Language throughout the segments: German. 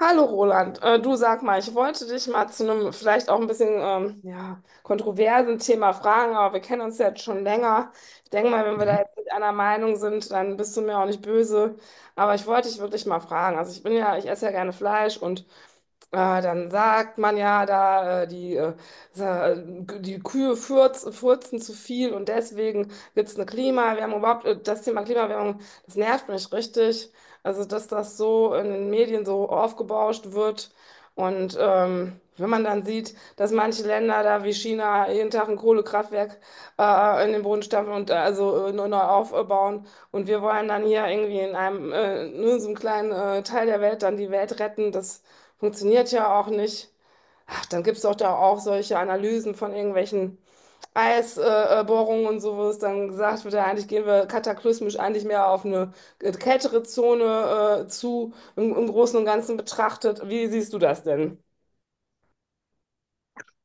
Hallo Roland, du sag mal, ich wollte dich mal zu einem vielleicht auch ein bisschen ja, kontroversen Thema fragen, aber wir kennen uns ja jetzt schon länger. Ich denke mal, wenn wir Mhm. da jetzt nicht einer Meinung sind, dann bist du mir auch nicht böse. Aber ich wollte dich wirklich mal fragen. Also ich bin ja, ich esse ja gerne Fleisch und dann sagt man ja da, die, sa- äh, die Kühe furzen zu viel und deswegen gibt es eine Klimawärmung. Überhaupt, das Thema Klimawärmung, das nervt mich richtig. Also, dass das so in den Medien so aufgebauscht wird. Und wenn man dann sieht, dass manche Länder da wie China jeden Tag ein Kohlekraftwerk in den Boden stampfen und nur neu aufbauen. Und wir wollen dann hier irgendwie in einem, nur in so einem kleinen Teil der Welt dann die Welt retten. Das funktioniert ja auch nicht. Ach, dann gibt es doch da auch solche Analysen von irgendwelchen Eisbohrungen Bohrungen und so, wo es dann gesagt wird, ja, eigentlich gehen wir kataklysmisch eigentlich mehr auf eine kältere Zone zu, im Großen und Ganzen betrachtet. Wie siehst du das denn?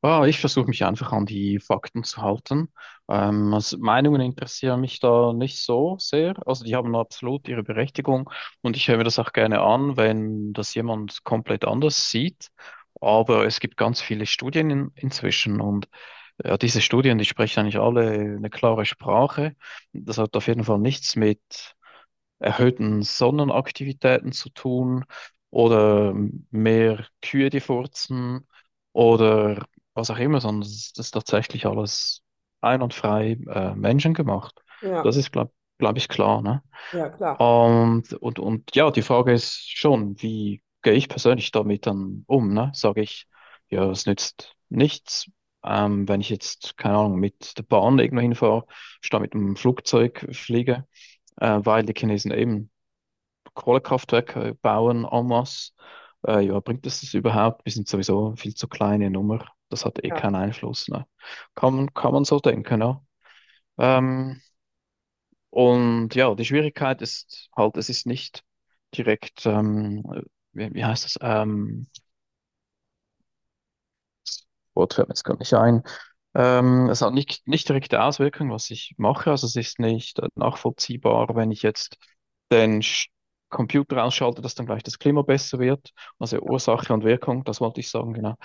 Ah, ich versuche mich einfach an die Fakten zu halten. Also Meinungen interessieren mich da nicht so sehr. Also die haben absolut ihre Berechtigung und ich höre mir das auch gerne an, wenn das jemand komplett anders sieht. Aber es gibt ganz viele Studien inzwischen. Und ja, diese Studien, die sprechen eigentlich alle eine klare Sprache. Das hat auf jeden Fall nichts mit erhöhten Sonnenaktivitäten zu tun oder mehr Kühe, die furzen oder was auch immer, sondern es ist tatsächlich alles ein und frei menschengemacht. Ja, Das ist, glaub ich, klar, ne? ja, klar. Und ja, die Frage ist schon, wie gehe ich persönlich damit dann um, ne? Sage ich, ja, es nützt nichts. Wenn ich jetzt, keine Ahnung, mit der Bahn irgendwo hinfahre, statt mit dem Flugzeug fliege, weil die Chinesen eben Kohlekraftwerke bauen en masse. Ja, bringt es das überhaupt? Wir sind sowieso viel zu kleine Nummer. Das hat eh Ja. keinen Einfluss, ne? Kann man so denken, ja. Ähm, und ja, die Schwierigkeit ist halt, es ist nicht direkt, wie heißt das? Das Wort fällt mir jetzt gar nicht ein. Es hat nicht direkte Auswirkungen, was ich mache. Also es ist nicht nachvollziehbar, wenn ich jetzt den Computer ausschalte, dass dann gleich das Klima besser wird. Also Ursache und Wirkung, das wollte ich sagen, genau.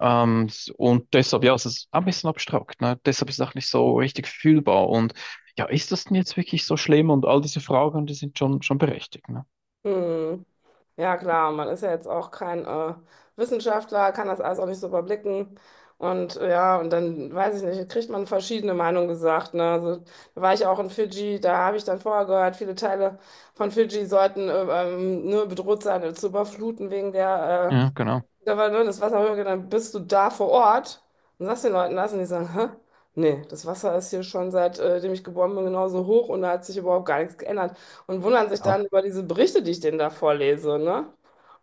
Und deshalb, ja, es ist ein bisschen abstrakt, ne? Deshalb ist es auch nicht so richtig fühlbar. Und ja, ist das denn jetzt wirklich so schlimm? Und all diese Fragen, die sind schon berechtigt, ne? Hm. Ja, klar, man ist ja jetzt auch kein Wissenschaftler, kann das alles auch nicht so überblicken. Und ja, und dann weiß ich nicht, kriegt man verschiedene Meinungen gesagt. Ne? Also, da war ich auch in Fidschi, da habe ich dann vorher gehört, viele Teile von Fidschi sollten nur bedroht sein, zu überfluten wegen der Ja, genau. da war nur das Wasser hoch und dann bist du da vor Ort und sagst den Leuten das und die sagen, hä? Nee, das Wasser ist hier schon seitdem ich geboren bin genauso hoch und da hat sich überhaupt gar nichts geändert. Und wundern sich Ja. dann über diese Berichte, die ich denen da vorlese, ne?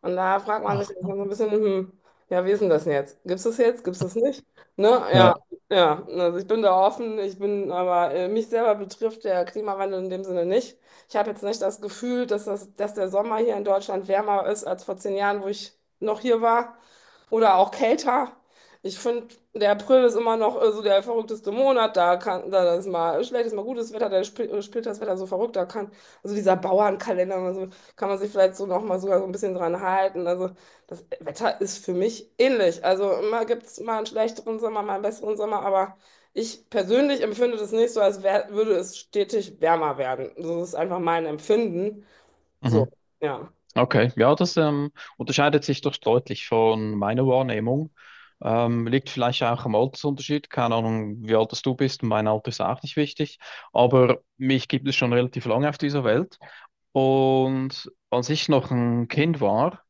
Und da fragt man Ach, sich dann so ja. ein bisschen, ja, wie ist denn das denn jetzt? Gibt's das jetzt? Gibt's das nicht? Ne? Ja, Ja. ja. Also ich bin da offen, ich bin, aber mich selber betrifft der Klimawandel in dem Sinne nicht. Ich habe jetzt nicht das Gefühl, dass das, dass der Sommer hier in Deutschland wärmer ist als vor 10 Jahren, wo ich noch hier war. Oder auch kälter. Ich finde, der April ist immer noch so der verrückteste Monat. Da kann, da ist mal schlechtes, mal gutes Wetter, spielt das Wetter so verrückt. Da kann, also dieser Bauernkalender, also kann man sich vielleicht so nochmal sogar so ein bisschen dran halten. Also das Wetter ist für mich ähnlich. Also immer gibt es mal einen schlechteren Sommer, mal einen besseren Sommer, aber ich persönlich empfinde das nicht so, würde es stetig wärmer werden. So ist einfach mein Empfinden. Mhm. So, ja. Okay, ja, das unterscheidet sich doch deutlich von meiner Wahrnehmung. Liegt vielleicht auch am Altersunterschied, keine Ahnung, wie alt das du bist, mein Alter ist auch nicht wichtig, aber mich gibt es schon relativ lange auf dieser Welt. Und als ich noch ein Kind war,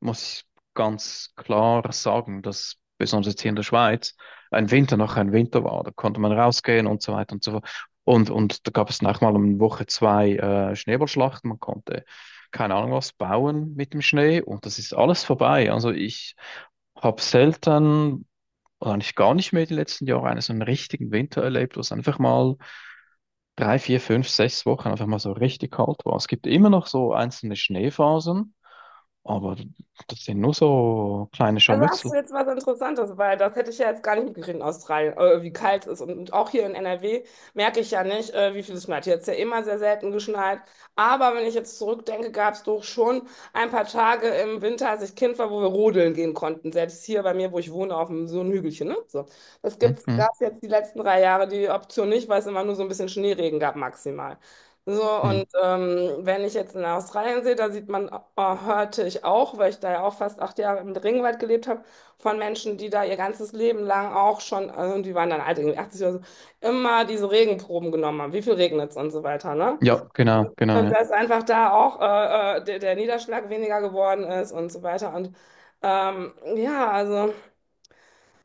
muss ich ganz klar sagen, dass besonders jetzt hier in der Schweiz ein Winter noch ein Winter war. Da konnte man rausgehen und so weiter und so fort. Und da gab es nachher mal um Woche 2 Schneeballschlachten. Man konnte keine Ahnung was bauen mit dem Schnee und das ist alles vorbei. Also ich habe selten, oder eigentlich gar nicht mehr die letzten Jahre, einen so einen richtigen Winter erlebt, wo es einfach mal 3, 4, 5, 6 Wochen einfach mal so richtig kalt war. Es gibt immer noch so einzelne Schneephasen. Aber das sind nur so kleine Also hast Scharmützel. du jetzt was Interessantes, weil das hätte ich ja jetzt gar nicht mitgekriegt in Australien, wie kalt es ist. Und auch hier in NRW merke ich ja nicht, wie viel es schneit. Hier hat es ja immer sehr selten geschneit. Aber wenn ich jetzt zurückdenke, gab es doch schon ein paar Tage im Winter, als ich Kind war, wo wir rodeln gehen konnten. Selbst hier bei mir, wo ich wohne, auf dem, so einem Hügelchen. Ne? So. Das Hm. Hm. gab es jetzt die letzten 3 Jahre die Option nicht, weil es immer nur so ein bisschen Schneeregen gab maximal. So, Hm. und wenn ich jetzt in Australien sehe, da sieht man, hörte ich auch, weil ich da ja auch fast 8 Jahre im Regenwald gelebt habe, von Menschen, die da ihr ganzes Leben lang auch schon, also die waren dann alt, irgendwie 80 oder so, immer diese Regenproben genommen haben, wie viel regnet es und so weiter, ne? Ja, genau, Und, genau, und ja. dass einfach da auch der Niederschlag weniger geworden ist und so weiter. Und ja, also.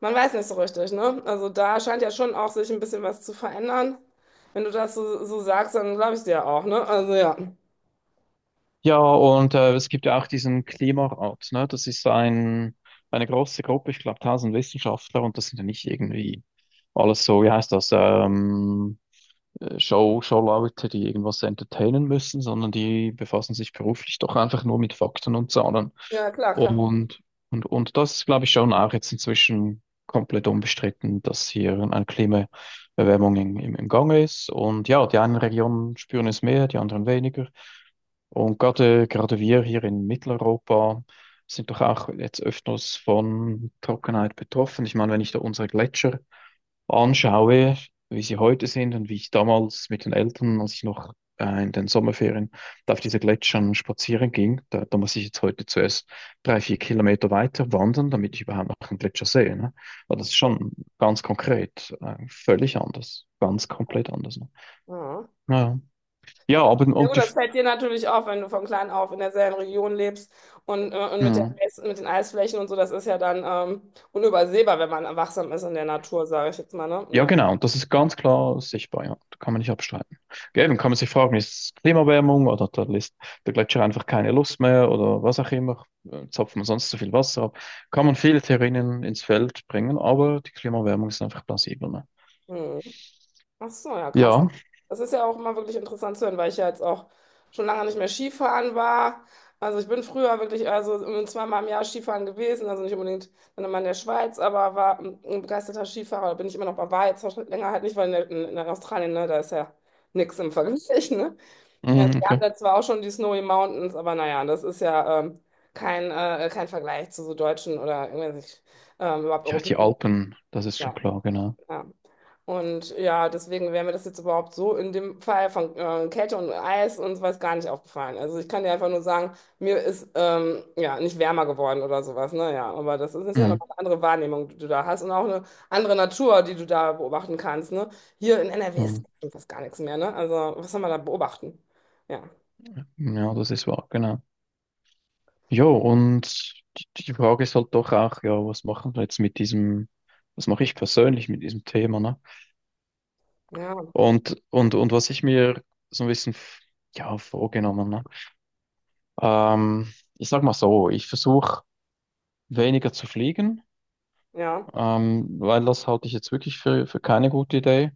Man weiß nicht so richtig, ne? Also da scheint ja schon auch sich ein bisschen was zu verändern. Wenn du das so, so sagst, dann glaube ich dir auch, ne? Also ja. Ja, und es gibt ja auch diesen Klimarat, ne? Das ist eine große Gruppe, ich glaube, 1000 Wissenschaftler, und das sind ja nicht irgendwie alles so, wie heißt das, Showleute, die irgendwas entertainen müssen, sondern die befassen sich beruflich doch einfach nur mit Fakten und Zahlen. Ja, klar, klar. Und, und das ist, glaube ich, schon auch jetzt inzwischen komplett unbestritten, dass hier eine Klimaerwärmung im Gange ist. Und ja, die einen Regionen spüren es mehr, die anderen weniger. Und gerade wir hier in Mitteleuropa sind doch auch jetzt öfters von Trockenheit betroffen. Ich meine, wenn ich da unsere Gletscher anschaue, wie sie heute sind und wie ich damals mit den Eltern, als ich noch in den Sommerferien da auf diese Gletschern spazieren ging, da muss ich jetzt heute zuerst 3, 4 Kilometer weiter wandern, damit ich überhaupt noch einen Gletscher sehe, ne? Aber das Ach ist so. schon ganz konkret, völlig anders, ganz komplett anders, ne? Ja. Ja, ja, aber Ja und gut, die, das fällt dir natürlich auf, wenn du von klein auf in derselben Region lebst und mit hm. Mit den Eisflächen und so, das ist ja dann unübersehbar, wenn man wachsam ist in der Natur, sage ich jetzt mal, ne? Ja, Ja. genau. Und das ist ganz klar sichtbar, ja. Da kann man nicht abstreiten. Eben kann man sich fragen, ist es Klimaerwärmung oder hat der, List, der Gletscher einfach keine Lust mehr oder was auch immer? Zapft man sonst zu viel Wasser ab? Kann man viele Theorien ins Feld bringen, aber die Klimaerwärmung ist einfach plausibel, ne? Hm. Ach so, ja, krass. Ja, Das ist ja auch immer wirklich interessant zu hören, weil ich ja jetzt auch schon lange nicht mehr Skifahren war. Also ich bin früher wirklich also zweimal im Jahr Skifahren gewesen, also nicht unbedingt dann immer in der Schweiz, aber war ein begeisterter Skifahrer, bin ich immer noch, aber war jetzt auch schon länger halt nicht, weil in, der, in Australien, ne, da ist ja nichts im Vergleich, ne? Ja, mhm, wir haben okay. da zwar auch schon die Snowy Mountains, aber naja, das ist ja kein, kein Vergleich zu so deutschen oder irgendwelchen überhaupt Ja, die europäischen. Alpen, das ist schon Ja. klar, genau. Ja. Und ja, deswegen wäre mir das jetzt überhaupt so in dem Fall von Kälte und Eis und weiß gar nicht aufgefallen. Also ich kann dir einfach nur sagen, mir ist ja nicht wärmer geworden oder sowas. Naja, aber das ist ja Mhm. nochmal eine andere Wahrnehmung, die du da hast und auch eine andere Natur, die du da beobachten kannst. Ne? Hier in NRW ist Mhm. fast gar nichts mehr. Ne? Also was soll man da beobachten? Ja, Ja, das ist wahr, genau. Jo, und die Frage ist halt doch auch, ja, was machen wir jetzt mit diesem, was mache ich persönlich mit diesem Thema, ne? ja, Und was ich mir so ein bisschen, ja, vorgenommen, ne? Ähm, Ich sag mal so, ich versuche weniger zu fliegen, ja. Weil das halte ich jetzt wirklich für keine gute Idee.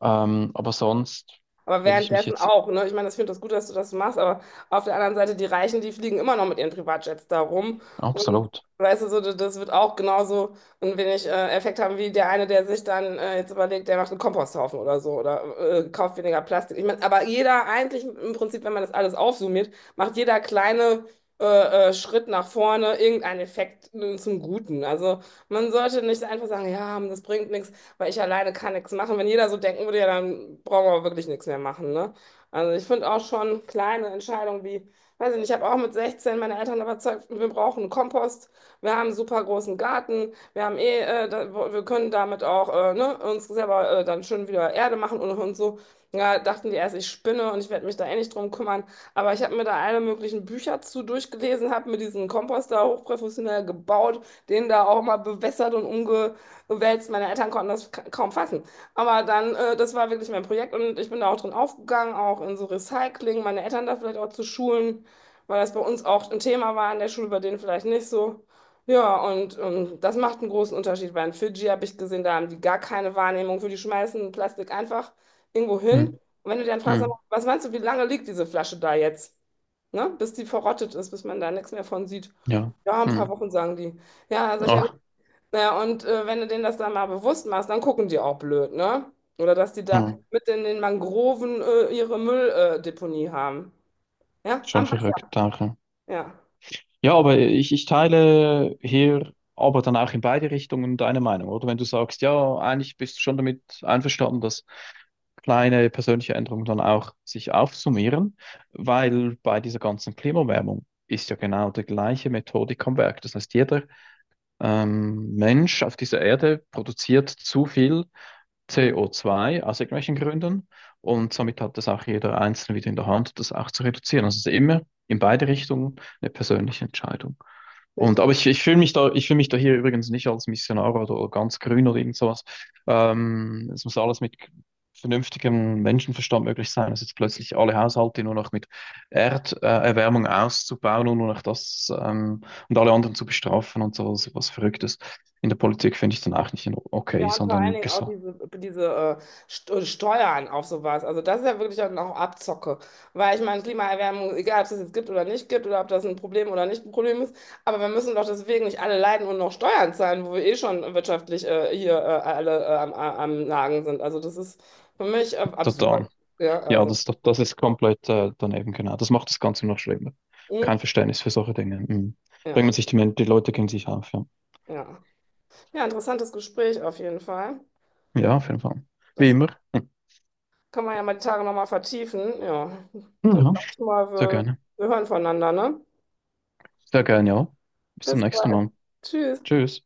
Aber sonst Aber will ich mich währenddessen jetzt auch, ne? Ich meine, das- ich finde das gut, dass du das machst, aber auf der anderen Seite, die Reichen, die fliegen immer noch mit ihren Privatjets da rum. Und absolut. weißt du, so, das wird auch genauso ein wenig Effekt haben wie der eine, der sich dann jetzt überlegt, der macht einen Komposthaufen oder so oder kauft weniger Plastik. Ich meine, aber jeder eigentlich im Prinzip, wenn man das alles aufsummiert, macht jeder kleine Schritt nach vorne irgendeinen Effekt zum Guten. Also man sollte nicht einfach sagen, ja, das bringt nichts, weil ich alleine kann nichts machen. Wenn jeder so denken würde, ja, dann brauchen wir wirklich nichts mehr machen, ne? Also ich finde auch schon kleine Entscheidungen wie, weiß ich nicht, ich habe auch mit 16 meine Eltern überzeugt, wir brauchen einen Kompost, wir haben einen super großen Garten, wir haben eh, da, wir können damit auch ne, uns selber dann schön wieder Erde machen und so. Ja, dachten die erst, ich spinne und ich werde mich da eh nicht drum kümmern. Aber ich habe mir da alle möglichen Bücher zu durchgelesen, habe mir diesen Kompost da hochprofessionell gebaut, den da auch mal bewässert und umge wälzt. Meine Eltern konnten das kaum fassen. Aber dann, das war wirklich mein Projekt und ich bin da auch drin aufgegangen, auch in so Recycling, meine Eltern da vielleicht auch zu schulen, weil das bei uns auch ein Thema war in der Schule, bei denen vielleicht nicht so. Ja, und das macht einen großen Unterschied, weil in Fidschi habe ich gesehen, da haben die gar keine Wahrnehmung für, die schmeißen Plastik einfach irgendwo hin. Hm, Und wenn du dann fragst, sag hm, mal, was meinst du, wie lange liegt diese Flasche da jetzt? Ne? Bis die verrottet ist, bis man da nichts mehr von sieht. ja, Ja, ein paar hm, Wochen, sagen die. Ja, sag ich ja, ah, ja, und wenn du denen das dann mal bewusst machst, dann gucken die auch blöd, ne? Oder dass die da hm, mit in den Mangroven ihre Mülldeponie Deponie haben. Ja, schon am Wasser. verrückt, danke. Ja, Ja, aber ich teile hier aber dann auch in beide Richtungen deine Meinung, oder? Wenn du sagst, ja, eigentlich bist du schon damit einverstanden, dass kleine persönliche Änderungen dann auch sich aufsummieren, weil bei dieser ganzen Klimaerwärmung ist ja genau die gleiche Methodik am Werk. Das heißt, jeder Mensch auf dieser Erde produziert zu viel CO2 aus irgendwelchen Gründen, und somit hat das auch jeder Einzelne wieder in der Hand, das auch zu reduzieren. Also es ist immer in beide Richtungen eine persönliche Entscheidung. Und, richtig. aber ich ich fühle mich da hier übrigens nicht als Missionar oder ganz grün oder irgend sowas. Es muss alles mit vernünftigem Menschenverstand möglich sein. Also jetzt plötzlich alle Haushalte nur noch mit Erderwärmung auszubauen und nur noch das und alle anderen zu bestrafen und so was, was Verrücktes. In der Politik finde ich dann auch nicht in- okay, Ja, und vor allen sondern Dingen auch gesund. Diese äh, Steuern auf sowas. Also das ist ja wirklich dann auch Abzocke. Weil ich meine, Klimaerwärmung, egal ob es das jetzt gibt oder nicht gibt oder ob das ein Problem oder nicht ein Problem ist, aber wir müssen doch deswegen nicht alle leiden und noch Steuern zahlen, wo wir eh schon wirtschaftlich am Nagen sind. Also das ist für mich Total. absurd. Ja, Ja, also, das ist komplett daneben, genau. Das macht das Ganze noch schlimmer. mm, Kein Verständnis für solche Dinge. Mhm. ja, Bringt man sich die Leute gegen sich auf, ja. ja. Ja, interessantes Gespräch auf jeden Fall. Ja, auf jeden Fall. Wie Das immer. kann man ja mal die Tage nochmal vertiefen. Ja, Hm. dann sag Ja, ich mal, sehr wir, gerne. wir hören voneinander, ne? Sehr gerne, ja. Bis zum Bis nächsten bald. Mal. Tschüss. Tschüss.